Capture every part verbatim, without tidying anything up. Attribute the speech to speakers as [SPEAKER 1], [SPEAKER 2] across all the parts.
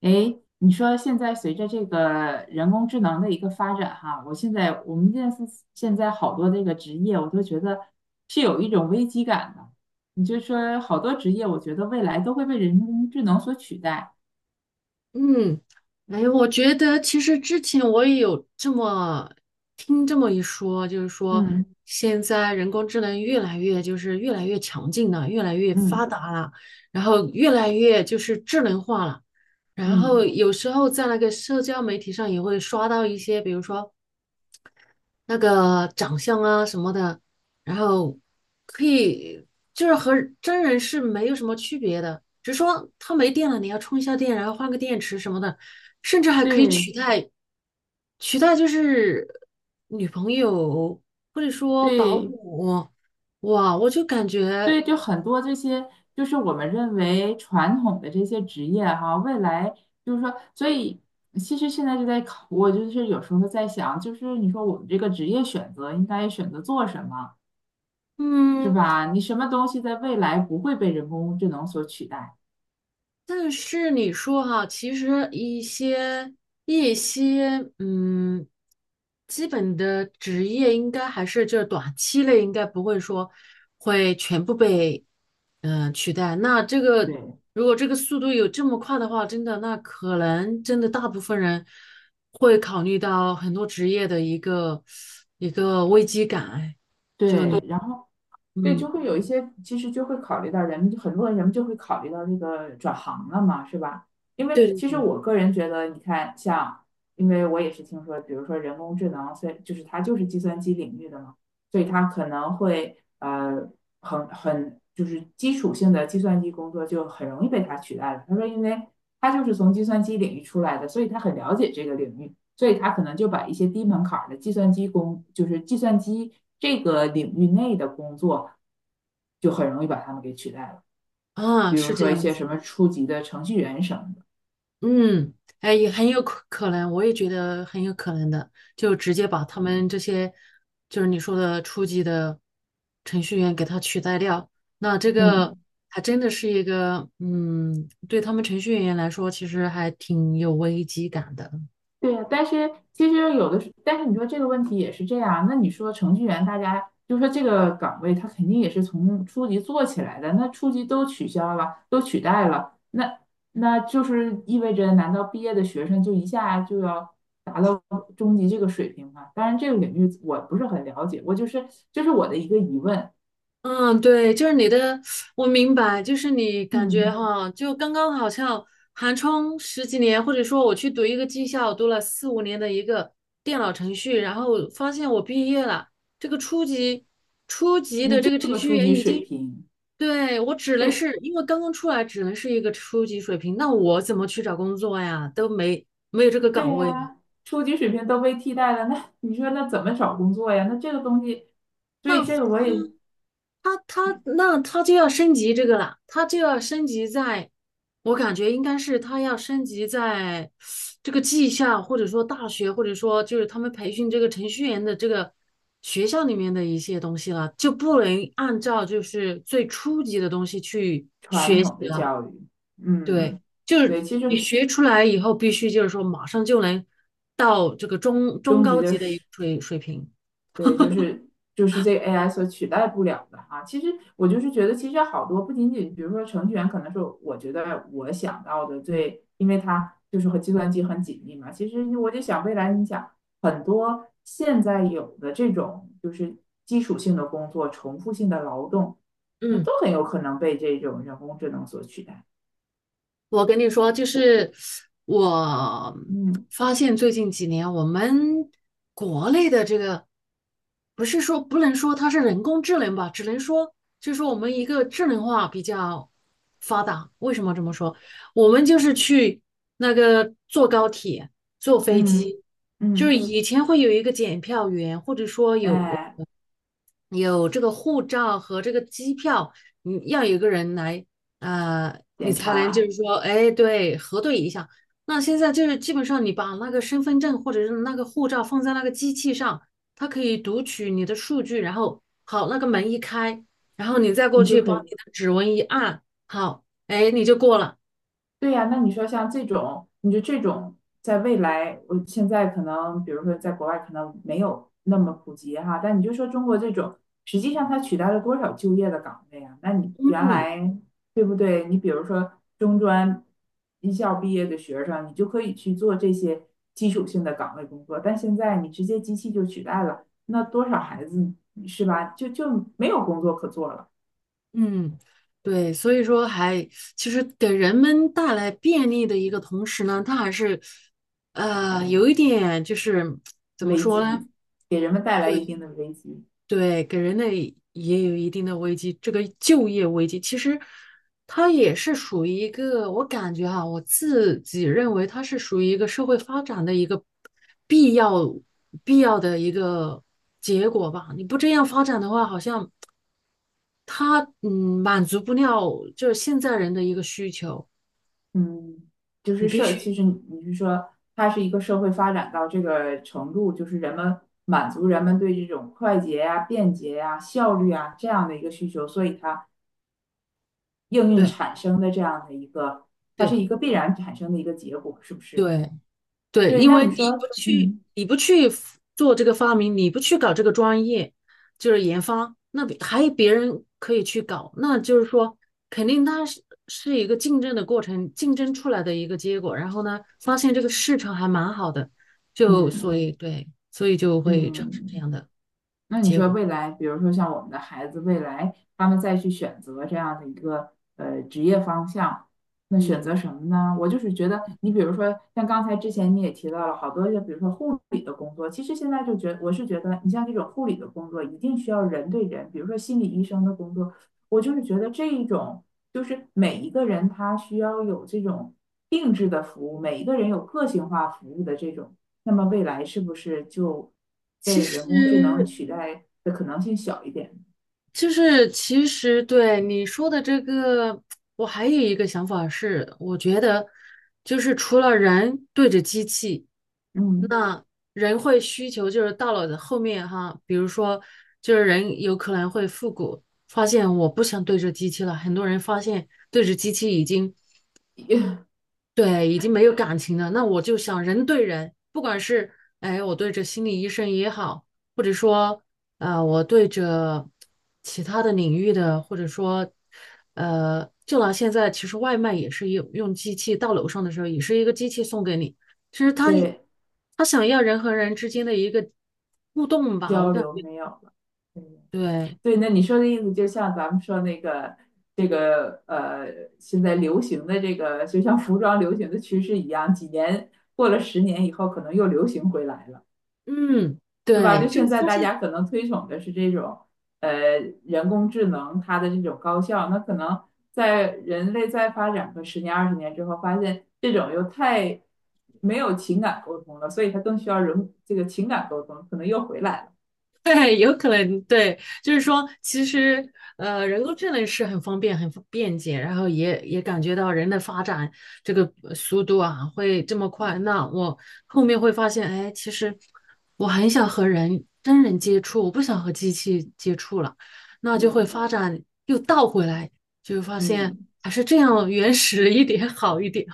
[SPEAKER 1] 诶，你说现在随着这个人工智能的一个发展，哈，我现在我们现在是现在好多这个职业，我都觉得是有一种危机感的。你就说好多职业，我觉得未来都会被人工智能所取代。
[SPEAKER 2] 嗯，哎，我觉得其实之前我也有这么听这么一说，就是说
[SPEAKER 1] 嗯
[SPEAKER 2] 现在人工智能越来越就是越来越强劲了，越来越发
[SPEAKER 1] 嗯
[SPEAKER 2] 达了，然后越来越就是智能化了。然后
[SPEAKER 1] 嗯，
[SPEAKER 2] 有时候在那个社交媒体上也会刷到一些，比如说那个长相啊什么的，然后可以就是和真人是没有什么区别的，只是说它没电了，你要充一下电，然后换个电池什么的，甚至还可以
[SPEAKER 1] 对
[SPEAKER 2] 取代取代就是女朋友或者说保
[SPEAKER 1] 对
[SPEAKER 2] 姆，哇，我就感觉
[SPEAKER 1] 对，就很多这些，就是我们认为传统的这些职业哈、未来就是说，所以其实现在就在考，我就是有时候在想，就是你说我们这个职业选择应该选择做什么，是
[SPEAKER 2] 嗯。
[SPEAKER 1] 吧？你什么东西在未来不会被人工智能所取代？
[SPEAKER 2] 但是你说哈，其实一些一些嗯，基本的职业应该还是就是短期内应该不会说会全部被嗯、呃取代。那这个
[SPEAKER 1] 对
[SPEAKER 2] 如果这个速度有这么快的话，真的那可能真的大部分人会考虑到很多职业的一个一个危机感。哎，
[SPEAKER 1] 对，然后。对，就
[SPEAKER 2] 嗯，
[SPEAKER 1] 会有一些，其实就会考虑到人们，很多人人们就会考虑到这个转行了嘛，是吧？因为
[SPEAKER 2] 对，
[SPEAKER 1] 其实我个人觉得，你看，像，因为我也是听说，比如说人工智能，所以就是它就是计算机领域的嘛，所以它可能会呃很很就是基础性的计算机工作就很容易被它取代了。他说，因为他就是从计算机领域出来的，所以他很了解这个领域。所以他可能就把一些低门槛的计算机工，就是计算机这个领域内的工作，就很容易把他们给取代了，
[SPEAKER 2] 啊，
[SPEAKER 1] 比如
[SPEAKER 2] 是这
[SPEAKER 1] 说一
[SPEAKER 2] 样。
[SPEAKER 1] 些什么初级的程序员什么的，
[SPEAKER 2] 嗯，哎，也很有可可能，我也觉得很有可能的，就直接把他们这些，就是你说的初级的程序员给他取代掉，那这个
[SPEAKER 1] 嗯。
[SPEAKER 2] 还真的是一个，嗯，对他们程序员来说，其实还挺有危机感的。
[SPEAKER 1] 对呀，但是其实有的时，但是你说这个问题也是这样。那你说程序员，大家就说这个岗位，他肯定也是从初级做起来的。那初级都取消了，都取代了，那那就是意味着，难道毕业的学生就一下就要达到中级这个水平吗？当然，这个领域我不是很了解，我就是这是我的一个疑问。
[SPEAKER 2] 嗯，对，就是你的，我明白，就是你感觉
[SPEAKER 1] 嗯，
[SPEAKER 2] 哈，就刚刚好像寒窗十几年，或者说我去读一个技校，读了四五年的一个电脑程序，然后发现我毕业了，这个初级初级
[SPEAKER 1] 你
[SPEAKER 2] 的
[SPEAKER 1] 就
[SPEAKER 2] 这个
[SPEAKER 1] 是
[SPEAKER 2] 程
[SPEAKER 1] 个
[SPEAKER 2] 序
[SPEAKER 1] 初
[SPEAKER 2] 员
[SPEAKER 1] 级
[SPEAKER 2] 已
[SPEAKER 1] 水
[SPEAKER 2] 经，
[SPEAKER 1] 平，
[SPEAKER 2] 对，我只能
[SPEAKER 1] 对，
[SPEAKER 2] 是因为刚刚出来，只能是一个初级水平，那我怎么去找工作呀？都没没有这个
[SPEAKER 1] 对
[SPEAKER 2] 岗位了，
[SPEAKER 1] 呀，初级水平都被替代了，那你说那怎么找工作呀？那这个东西，所以这个
[SPEAKER 2] 那
[SPEAKER 1] 我也
[SPEAKER 2] 他他那他就要升级这个了，他就要升级在，我感觉应该是他要升级在这个技校，或者说大学，或者说就是他们培训这个程序员的这个学校里面的一些东西了，就不能按照就是最初级的东西去
[SPEAKER 1] 传
[SPEAKER 2] 学习
[SPEAKER 1] 统的
[SPEAKER 2] 了。
[SPEAKER 1] 教育，
[SPEAKER 2] 对，
[SPEAKER 1] 嗯，
[SPEAKER 2] 就是
[SPEAKER 1] 对，其
[SPEAKER 2] 你
[SPEAKER 1] 实
[SPEAKER 2] 学出来以后，必须就是说马上就能到这个中中
[SPEAKER 1] 中级
[SPEAKER 2] 高
[SPEAKER 1] 的
[SPEAKER 2] 级的一个
[SPEAKER 1] 是。
[SPEAKER 2] 水水平。
[SPEAKER 1] 对，就是就是这个 A I 所取代不了的啊！其实我就是觉得，其实好多不仅仅，比如说程序员，可能是我觉得我想到的最，因为它就是和计算机很紧密嘛。其实我就想，未来你想很多现在有的这种就是基础性的工作、重复性的劳动，那
[SPEAKER 2] 嗯。
[SPEAKER 1] 都很有可能被这种人工智能所取代。
[SPEAKER 2] 我跟你说，就是我
[SPEAKER 1] 嗯
[SPEAKER 2] 发现最近几年，我们国内的这个不是说不能说它是人工智能吧，只能说就是说我们一个智能化比较发达。为什么这么说？我们就是去那个坐高铁、坐飞
[SPEAKER 1] 嗯
[SPEAKER 2] 机，就是
[SPEAKER 1] 嗯，
[SPEAKER 2] 以前会有一个检票员，或者说有
[SPEAKER 1] 哎，
[SPEAKER 2] 有这个护照和这个机票，你要有一个人来，呃，你
[SPEAKER 1] 点
[SPEAKER 2] 才能就
[SPEAKER 1] 查
[SPEAKER 2] 是说，哎，对，核对一下。那现在就是基本上你把那个身份证或者是那个护照放在那个机器上，它可以读取你的数据，然后好，那个门一开，然后你再过
[SPEAKER 1] 你就
[SPEAKER 2] 去
[SPEAKER 1] 可
[SPEAKER 2] 把
[SPEAKER 1] 以。
[SPEAKER 2] 你的指纹一按，好，哎，你就过了。
[SPEAKER 1] 对呀，那你说像这种，你说这种在未来，我现在可能，比如说在国外可能没有那么普及哈，但你就说中国这种，实际上它取代了多少就业的岗位啊？那你原来对不对？你比如说中专一校毕业的学生，你就可以去做这些基础性的岗位工作，但现在你直接机器就取代了，那多少孩子是吧？就就没有工作可做了，
[SPEAKER 2] 嗯，对，所以说还其实给人们带来便利的一个同时呢，它还是呃有一点就是怎么
[SPEAKER 1] 危
[SPEAKER 2] 说呢？
[SPEAKER 1] 机给人们带来一
[SPEAKER 2] 对
[SPEAKER 1] 定的危机。
[SPEAKER 2] 对，给人类也有一定的危机。这个就业危机其实它也是属于一个，我感觉哈、我自己认为它是属于一个社会发展的一个必要必要的一个结果吧。你不这样发展的话，好像。它嗯满足不了就是现在人的一个需求，
[SPEAKER 1] 嗯，就
[SPEAKER 2] 你
[SPEAKER 1] 是
[SPEAKER 2] 必
[SPEAKER 1] 社，其
[SPEAKER 2] 须
[SPEAKER 1] 实你你是说，它是一个社会发展到这个程度，就是人们满足人们对这种快捷呀、便捷呀、效率啊这样的一个需求，所以它应运
[SPEAKER 2] 对
[SPEAKER 1] 产生的这样的一个，它是一
[SPEAKER 2] 对
[SPEAKER 1] 个必然产生的一个结果，是不是？
[SPEAKER 2] 对对，
[SPEAKER 1] 对，
[SPEAKER 2] 因
[SPEAKER 1] 那
[SPEAKER 2] 为
[SPEAKER 1] 你
[SPEAKER 2] 你不
[SPEAKER 1] 说，
[SPEAKER 2] 去
[SPEAKER 1] 嗯
[SPEAKER 2] 你不去 f- 做这个发明，你不去搞这个专业，就是研发，那别还有别人可以去搞，那就是说肯定它是是一个竞争的过程，竞争出来的一个结果，然后呢，发现这个市场还蛮好的，就
[SPEAKER 1] 嗯
[SPEAKER 2] 所以对，所以就会产生这
[SPEAKER 1] 嗯，
[SPEAKER 2] 样的
[SPEAKER 1] 那你
[SPEAKER 2] 结
[SPEAKER 1] 说
[SPEAKER 2] 果，
[SPEAKER 1] 未来，比如说像我们的孩子，未来他们再去选择这样的一个呃职业方向，那选
[SPEAKER 2] 嗯。
[SPEAKER 1] 择什么呢？我就是觉得，你比如说像刚才之前你也提到了好多，就比如说护理的工作，其实现在就觉我是觉得，你像这种护理的工作，一定需要人对人，比如说心理医生的工作，我就是觉得这一种就是每一个人他需要有这种定制的服务，每一个人有个性化服务的这种。那么未来是不是就
[SPEAKER 2] 其
[SPEAKER 1] 被人工智能
[SPEAKER 2] 实，
[SPEAKER 1] 取代的可能性小一点？
[SPEAKER 2] 就是其实对你说的这个，我还有一个想法是，我觉得就是除了人对着机器，
[SPEAKER 1] 嗯，
[SPEAKER 2] 那人会需求就是到了后面哈，比如说就是人有可能会复古，发现我不想对着机器了，很多人发现对着机器已经。对，已经没有感情了。那我就想人对人，不管是哎，我对着心理医生也好，或者说呃，我对着其他的领域的，或者说呃，就拿现在其实外卖也是用用机器到楼上的时候，也是一个机器送给你。其实他
[SPEAKER 1] 对，
[SPEAKER 2] 他想要人和人之间的一个互动吧，我
[SPEAKER 1] 交
[SPEAKER 2] 感
[SPEAKER 1] 流
[SPEAKER 2] 觉
[SPEAKER 1] 没有了。嗯，
[SPEAKER 2] 对，
[SPEAKER 1] 对，那你说的意思就像咱们说那个这个呃，现在流行的这个，就像服装流行的趋势一样，几年过了十年以后，可能又流行回来了。
[SPEAKER 2] 嗯，
[SPEAKER 1] 是吧？
[SPEAKER 2] 对，
[SPEAKER 1] 就
[SPEAKER 2] 就是
[SPEAKER 1] 现在
[SPEAKER 2] 发
[SPEAKER 1] 大
[SPEAKER 2] 现。
[SPEAKER 1] 家可能推崇的是这种，呃，人工智能它的这种高效，那可能在人类再发展个十年二十年之后，发现这种又太没有情感沟通了，所以它更需要人这个情感沟通，可能又回来了。
[SPEAKER 2] 对，有可能对，就是说，其实呃，人工智能是很方便、很方便捷，然后也也感觉到人的发展这个呃速度啊会这么快。那我后面会发现，哎，其实我很想和人真人接触，我不想和机器接触了，那就会
[SPEAKER 1] 嗯
[SPEAKER 2] 发展又倒回来，就发现
[SPEAKER 1] 嗯，
[SPEAKER 2] 还是这样原始一点好一点。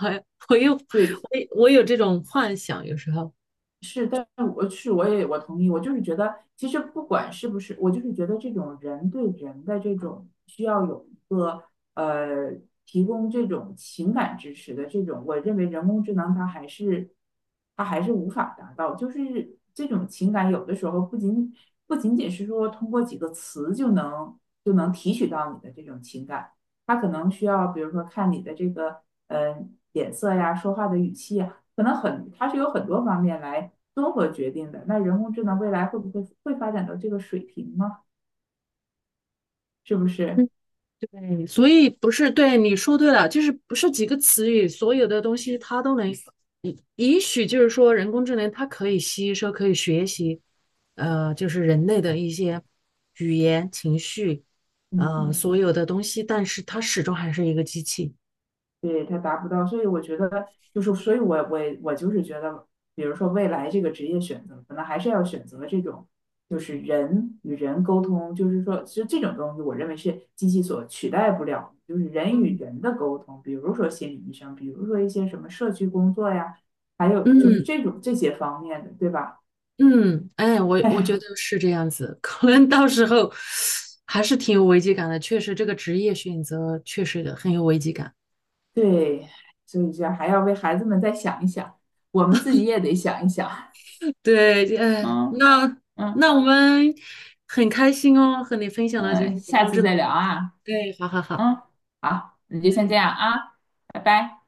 [SPEAKER 2] 我我又我
[SPEAKER 1] 对。
[SPEAKER 2] 我有这种幻想，有时候。
[SPEAKER 1] 是，但是我是我也我同意，我就是觉得，其实不管是不是，我就是觉得这种人对人的这种需要有一个呃提供这种情感支持的这种，我认为人工智能它还是它还是无法达到，就是这种情感有的时候不仅不仅仅是说通过几个词就能就能提取到你的这种情感，它可能需要比如说看你的这个嗯、呃、脸色呀，说话的语气呀。可能很，它是有很多方面来综合决定的。那人工智能未来会不会会发展到这个水平呢？是不是？
[SPEAKER 2] 对，所以不是，对，你说对了，就是不是几个词语，所有的东西它都能，也也许就是说人工智能它可以吸收，可以学习，呃，就是人类的一些语言、情绪，呃，
[SPEAKER 1] 嗯，
[SPEAKER 2] 所有的东西，但是它始终还是一个机器。
[SPEAKER 1] 对，它达不到，所以我觉得就是，所以我我我就是觉得，比如说未来这个职业选择，可能还是要选择这种。就是人与人沟通，就是说，其实这种东西，我认为是机器所取代不了的，就是人与
[SPEAKER 2] 嗯
[SPEAKER 1] 人的沟通，比如说心理医生，比如说一些什么社区工作呀，还有就是
[SPEAKER 2] 嗯
[SPEAKER 1] 这种这些方面的，对吧？
[SPEAKER 2] 嗯，哎，我我觉
[SPEAKER 1] 哎，
[SPEAKER 2] 得是这样子，可能到时候还是挺有危机感的。确实，这个职业选择确实很有危机感。
[SPEAKER 1] 对，所以这还要为孩子们再想一想，我们自己也得想一想。
[SPEAKER 2] 对，哎，
[SPEAKER 1] 嗯
[SPEAKER 2] 那
[SPEAKER 1] 嗯
[SPEAKER 2] 那我们很开心哦，和你分享了就
[SPEAKER 1] 嗯，
[SPEAKER 2] 是人
[SPEAKER 1] 下
[SPEAKER 2] 工
[SPEAKER 1] 次
[SPEAKER 2] 智
[SPEAKER 1] 再
[SPEAKER 2] 能。
[SPEAKER 1] 聊啊。
[SPEAKER 2] 对，好好好。
[SPEAKER 1] 嗯，好，那就先这样啊，拜拜。